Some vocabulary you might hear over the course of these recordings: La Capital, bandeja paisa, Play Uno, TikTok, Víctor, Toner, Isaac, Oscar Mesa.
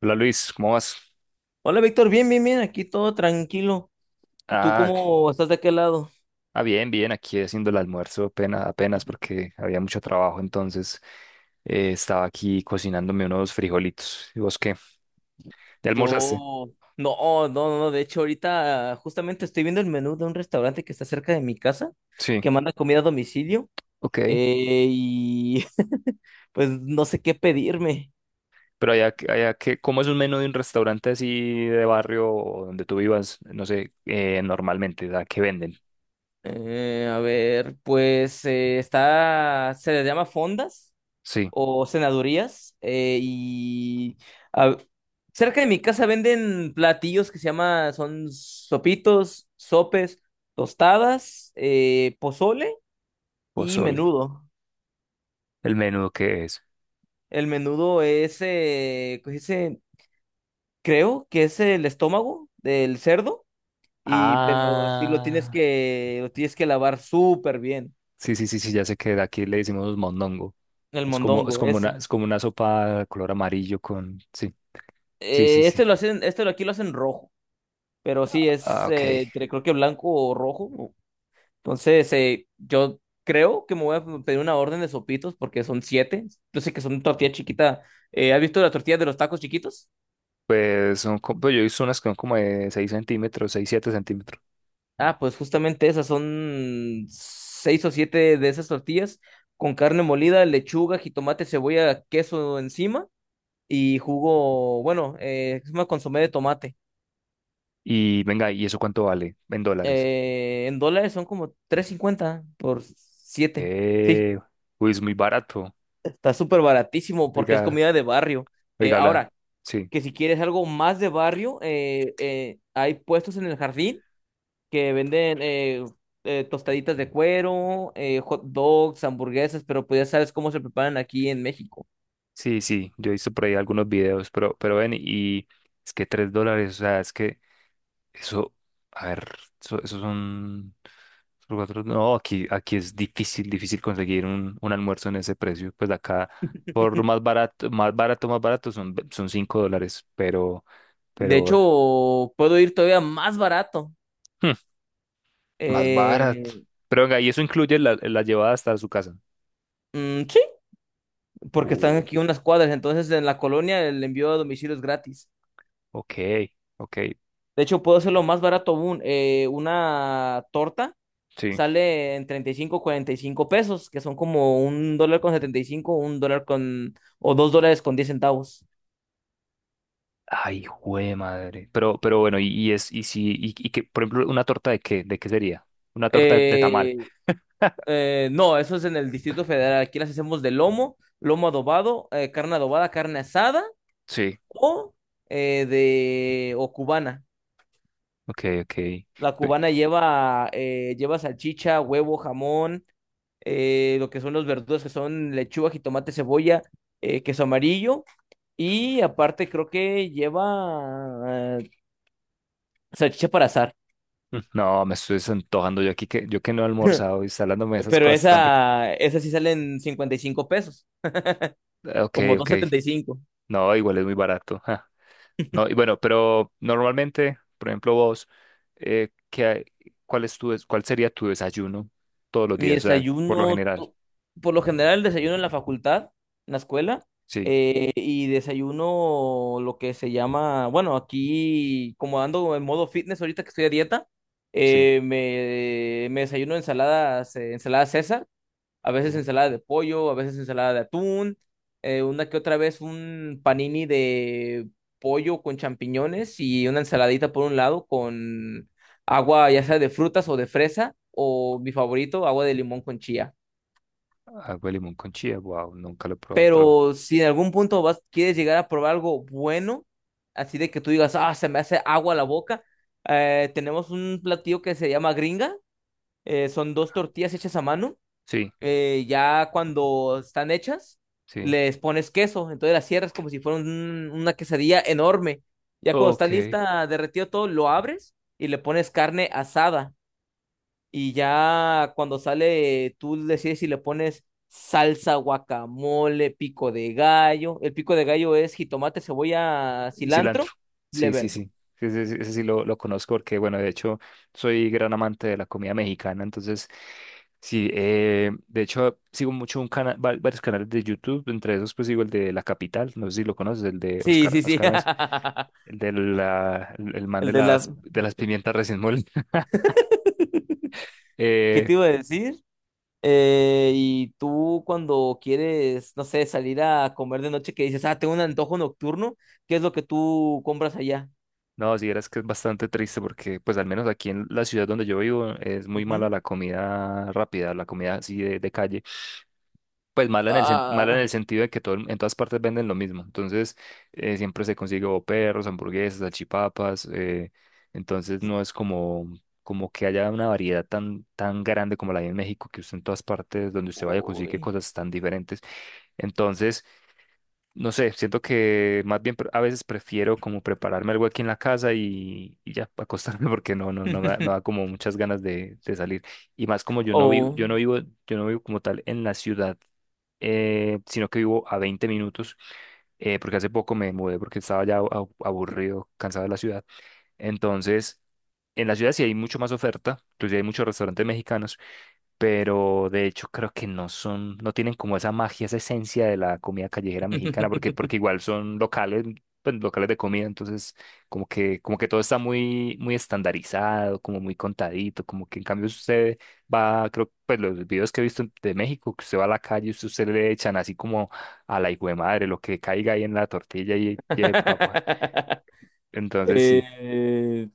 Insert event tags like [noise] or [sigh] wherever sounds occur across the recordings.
Hola Luis, ¿cómo vas? Hola Víctor, bien, bien, bien, aquí todo tranquilo. ¿Y tú Ah, cómo estás de aquel lado? Bien, bien, aquí haciendo el almuerzo apenas, apenas [laughs] porque había mucho trabajo, entonces estaba aquí cocinándome unos frijolitos. ¿Y vos qué? ¿Ya almorzaste? Yo, no, no, no, de hecho ahorita justamente estoy viendo el menú de un restaurante que está cerca de mi casa, Sí, que manda comida a domicilio, ok. Y [laughs] pues no sé qué pedirme. Pero allá, allá que, ¿cómo es un menú de un restaurante así de barrio o donde tú vivas? No sé, normalmente, ¿a ¿qué venden? A ver, pues está, se le llama fondas Sí, o senadurías. Y a- cerca de mi casa venden platillos que se llama, son sopitos, sopes, tostadas, pozole y pozole. menudo. ¿El menú qué es? El menudo es, ¿cómo se dice? Creo que es el estómago del cerdo, y pero sí Ah. Lo tienes que lavar súper bien, Sí, sí, sí, sí, ya sé que de aquí le decimos mondongo. el mondongo ese. Es como una sopa de color amarillo con. Sí, sí, sí, Este sí. lo hacen, este lo Aquí lo hacen rojo, pero sí Ah, es, ok. Creo que blanco o rojo. Entonces, yo creo que me voy a pedir una orden de sopitos porque son siete. Yo sé que son tortilla chiquita. ¿Has visto las tortillas de los tacos chiquitos? Pues son, pues yo he visto unas que son como de seis centímetros, seis siete centímetros. Ah, pues justamente esas son seis o siete de esas tortillas con carne molida, lechuga, jitomate, cebolla, queso encima y jugo, bueno, es una consomé de tomate. Y venga, ¿y eso cuánto vale? En dólares. En dólares son como 3.50 por siete. Sí, Eh, uy, es muy barato. está súper baratísimo porque es Oiga, comida de barrio. Oiga, Ahora, habla. Sí, que si quieres algo más de barrio, hay puestos en el jardín que venden tostaditas de cuero, hot dogs, hamburguesas, pero pues ya sabes cómo se preparan aquí en México. sí, sí. Yo he visto por ahí algunos videos, pero ven, y es que 3 dólares, o sea, es que. Eso, a ver, eso son no, aquí, aquí es difícil, difícil conseguir un almuerzo en ese precio. Pues acá, por lo más barato, más barato, más barato son, son cinco dólares, De pero, hecho, puedo ir todavía más barato. hmm, más barato. Eh, Pero venga, y eso incluye la, la llevada hasta su casa. mm, sí, porque están Uh, aquí unas cuadras, entonces en la colonia el envío a domicilio es gratis. ok, ok, De hecho, puedo hacerlo más barato aún, una torta sí. sale en 35 45 pesos, que son como $1.75, o $2.10. Ay, jue madre. Pero bueno, y es, y si, y que, por ejemplo, una torta de qué, ¿de qué sería? Una torta de tamal. Eh, [laughs] no, eso es en el Distrito Federal. Aquí las hacemos de lomo, lomo adobado, carne adobada, carne asada Sí. o de o cubana. Ok, ok. La Pe- cubana lleva salchicha, huevo, jamón, lo que son los verduras, que son lechuga, jitomate, cebolla, queso amarillo. Y aparte creo que lleva eh, salchicha para azar. no, me estoy desantojando yo aquí que yo que no he almorzado y está hablándome de esas Pero cosas tan ric- esa sí sale en 55 pesos, Ok, como dos ok. setenta y cinco. No, igual es muy barato. Ja. No, y bueno, pero normalmente, por ejemplo, vos, ¿qué cuál es tu cuál sería tu desayuno todos los Mi días? O sea, por lo desayuno, general. Por lo general, desayuno en la facultad, en la escuela, Sí, y desayuno lo que se llama, bueno, aquí, como ando en modo fitness ahorita que estoy a dieta. sí. Me desayuno ensaladas, ensalada César, a veces Uh, ensalada de pollo, a veces ensalada de atún, una que otra vez un panini de pollo con champiñones y una ensaladita por un lado con agua ya sea de frutas o de fresa o mi favorito, agua de limón con chía. agua de limón con chía, wow, nunca lo he probado, pero Pero si en algún punto vas, quieres llegar a probar algo bueno, así de que tú digas, ah, se me hace agua la boca, tenemos un platillo que se llama gringa, son dos tortillas hechas a mano, sí, ya cuando están hechas, sí. les pones queso, entonces las cierras como si fuera una quesadilla enorme. Ya cuando está Ok. lista, derretido todo, lo abres y le pones carne asada. Y ya cuando sale, tú decides si le pones salsa, guacamole, pico de gallo. El pico de gallo es jitomate, cebolla, Y cilantro. cilantro, le Sí, sí, verde. sí. Sí, sí, sí, ese, sí lo conozco porque, bueno, de hecho, soy gran amante de la comida mexicana. Entonces, sí, de hecho, sigo mucho un varios canales de YouTube. Entre esos, pues sigo el de La Capital. No sé si lo conoces, el de Sí, Oscar, sí, sí. Oscar Mesa. [laughs] El de la, el man El de la... de las pimientas recién molidas. [laughs] [laughs] ¿Qué Eh, te iba a decir? Y tú cuando quieres, no sé, salir a comer de noche, que dices, ah, tengo un antojo nocturno, ¿qué es lo que tú compras allá? no, si vieras que es bastante triste porque, pues al menos aquí en la ciudad donde yo vivo, es muy mala Ujú. la comida rápida, la comida así de calle. Pues mala en el, mala en Ah, el sentido de que todo, en todas partes venden lo mismo. Entonces, siempre se consigue o perros, hamburguesas, salchipapas. Entonces, no es como, como que haya una variedad tan, tan grande como la hay en México, que usted en todas partes donde usted vaya consigue uy. cosas tan diferentes. Entonces, no sé, siento que más bien a veces prefiero como prepararme algo aquí en la casa y ya acostarme [laughs] porque no, no, no, no da [laughs] como muchas ganas de salir. Y más como yo no vivo, Oh. yo no vivo, yo no vivo como tal en la ciudad, sino que vivo a 20 minutos, porque hace poco me mudé porque estaba ya aburrido, cansado de la ciudad. Entonces, en la ciudad sí hay mucho más oferta, inclusive hay muchos restaurantes mexicanos, pero de hecho creo que no son, no tienen como esa magia, esa esencia de la comida callejera mexicana, porque, porque igual son locales, pues, locales de comida, entonces como que todo está muy, muy estandarizado, como muy contadito, como que en cambio si usted va, creo, pues los videos que he visto de México, que usted va a la calle, usted, usted le echan así como a la hijo de madre, lo que caiga ahí en la tortilla y lleve papa. [laughs] Entonces sí. Eh,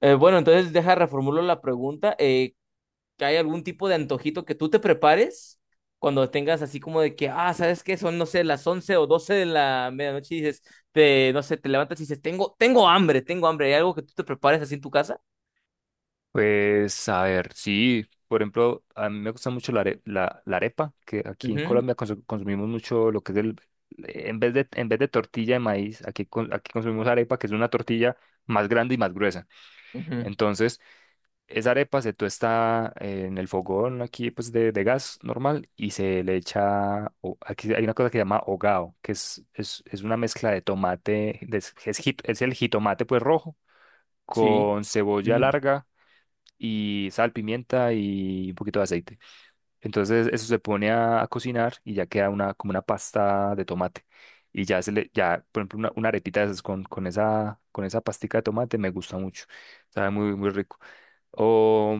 bueno, entonces deja reformulo la pregunta. Que hay algún tipo de antojito que tú te prepares cuando tengas así como de que, ah, ¿sabes qué? Son, no sé, las 11 o 12 de la medianoche y dices, no sé, te levantas y dices, tengo hambre, tengo hambre. ¿Hay algo que tú te prepares así en tu casa? Pues a ver, sí, por ejemplo, a mí me gusta mucho la, la, la arepa, que aquí en Ujú, Colombia consumimos mucho lo que es el, en vez de tortilla de maíz, aquí, aquí consumimos arepa, que es una tortilla más grande y más gruesa. ujú, Entonces, esa arepa se tuesta en el fogón aquí, pues de gas normal, y se le echa, aquí hay una cosa que se llama hogao, que es una mezcla de tomate, es, es el jitomate pues rojo, sí. con cebolla Ujú. larga y sal, pimienta y un poquito de aceite. Entonces eso se pone a cocinar y ya queda una, como una pasta de tomate. Y ya se le, ya, por ejemplo, una arepita de esas con esa pastica de tomate me gusta mucho. Sabe muy, muy rico. O,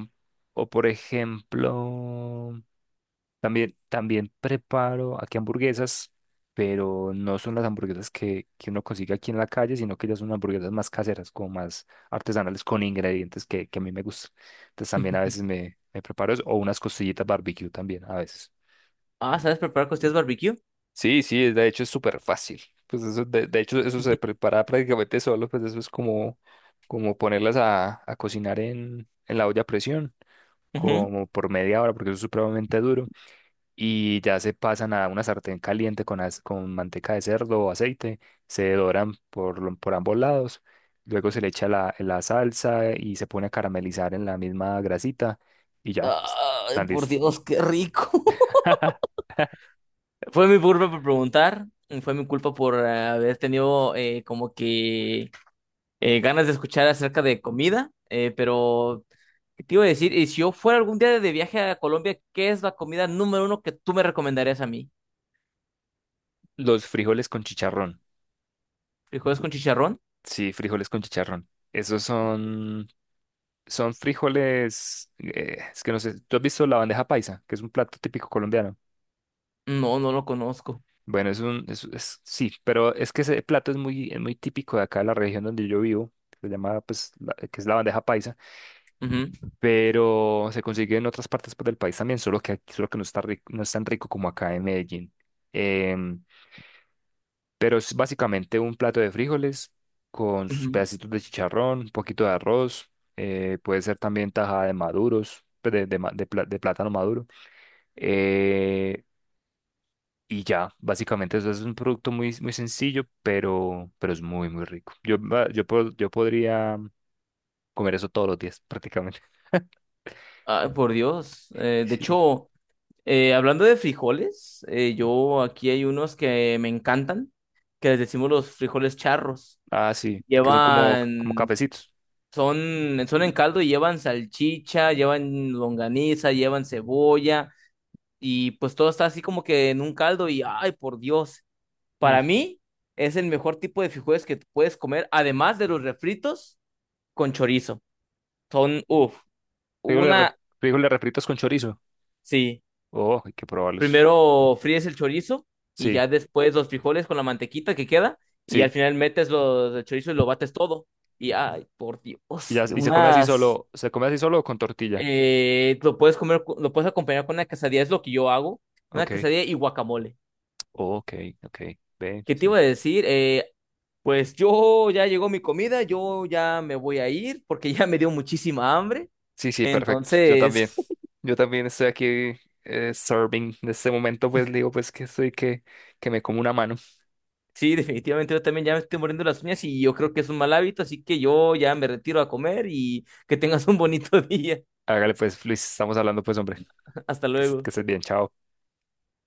o por ejemplo, también, también preparo aquí hamburguesas, pero no son las hamburguesas que uno consigue aquí en la calle, sino que ya son hamburguesas más caseras, como más artesanales, con ingredientes que a mí me gustan. Entonces también a veces [laughs] me, me preparo eso, o unas costillitas barbecue también a veces. Ah, ¿sabes preparar costillas barbecue? Sí, sí, de hecho es súper fácil. Pues eso, de hecho, eso se [laughs] prepara prácticamente solo, pues eso es como, como ponerlas a cocinar en la olla a presión, Ujú. como por media hora, porque eso es supremamente duro. Y ya se pasan a una sartén caliente con, con manteca de cerdo o aceite, se doran por, por ambos lados, luego se le echa la, la salsa y se pone a caramelizar en la misma grasita y ya, Ay, están por listos. Dios, qué rico. [laughs] [laughs] Fue mi culpa por preguntar, fue mi culpa por haber tenido como que ganas de escuchar acerca de comida, pero ¿qué te iba a decir? Y si yo fuera algún día de viaje a Colombia, ¿qué es la comida número uno que tú me recomendarías a mí? Los frijoles con chicharrón, ¿Frijoles con chicharrón? sí, frijoles con chicharrón. Esos son, son frijoles, es que no sé, ¿tú has visto la bandeja paisa, que es un plato típico colombiano? No, no lo conozco. Bueno, es un, es, sí, pero es que ese plato es muy típico de acá de la región donde yo vivo, se llama, pues, que es la bandeja paisa, Ujú, pero se consigue en otras partes pues, del país también, solo que aquí, solo que no está rico, no es tan rico como acá en Medellín. Em, pero es básicamente un plato de frijoles con sus ujú. pedacitos de chicharrón, un poquito de arroz, puede ser también tajada de maduros, pues, de, de plátano maduro eh, y ya, básicamente eso es un producto muy, muy sencillo, pero es muy, muy rico. Yo, va- yo, po- yo podría comer eso todos los días, prácticamente. Ay, por Dios. [laughs] De Sí. hecho, hablando de frijoles, yo aquí hay unos que me encantan, que les decimos los frijoles charros. Ah, sí, que son como, como Llevan, cafecitos. son en caldo y llevan salchicha, llevan longaniza, llevan cebolla y pues todo está así como que en un caldo y ay, por Dios, Mm. para mí es el mejor tipo de frijoles que tú puedes comer, además de los refritos con chorizo. Son, uff, Frijoles, re- una, frijoles refritos con chorizo. sí, Oh, hay que probarlos. primero fríes el chorizo y Sí, ya después los frijoles con la mantequita que queda y al sí. final metes el chorizo y lo bates todo. Y ay, por Dios, Y, ya, y se come así unas, solo, se come así solo o con tortilla. Lo puedes comer, lo puedes acompañar con una quesadilla, es lo que yo hago, una Ok, quesadilla y guacamole. ok, ok. Ve, ¿Qué te sí. iba a decir? Pues yo ya llegó mi comida, yo ya me voy a ir porque ya me dio muchísima hambre. Sí, sí, perfecto. Yo también. Entonces, [laughs] Yo también estoy aquí serving. En este momento, pues digo, pues que estoy que me como una mano. sí, definitivamente yo también ya me estoy muriendo las uñas y yo creo que es un mal hábito, así que yo ya me retiro a comer y que tengas un bonito [laughs] día. Hágale, pues, Luis, estamos hablando, pues, hombre. Hasta Que, que luego. estés bien, chao.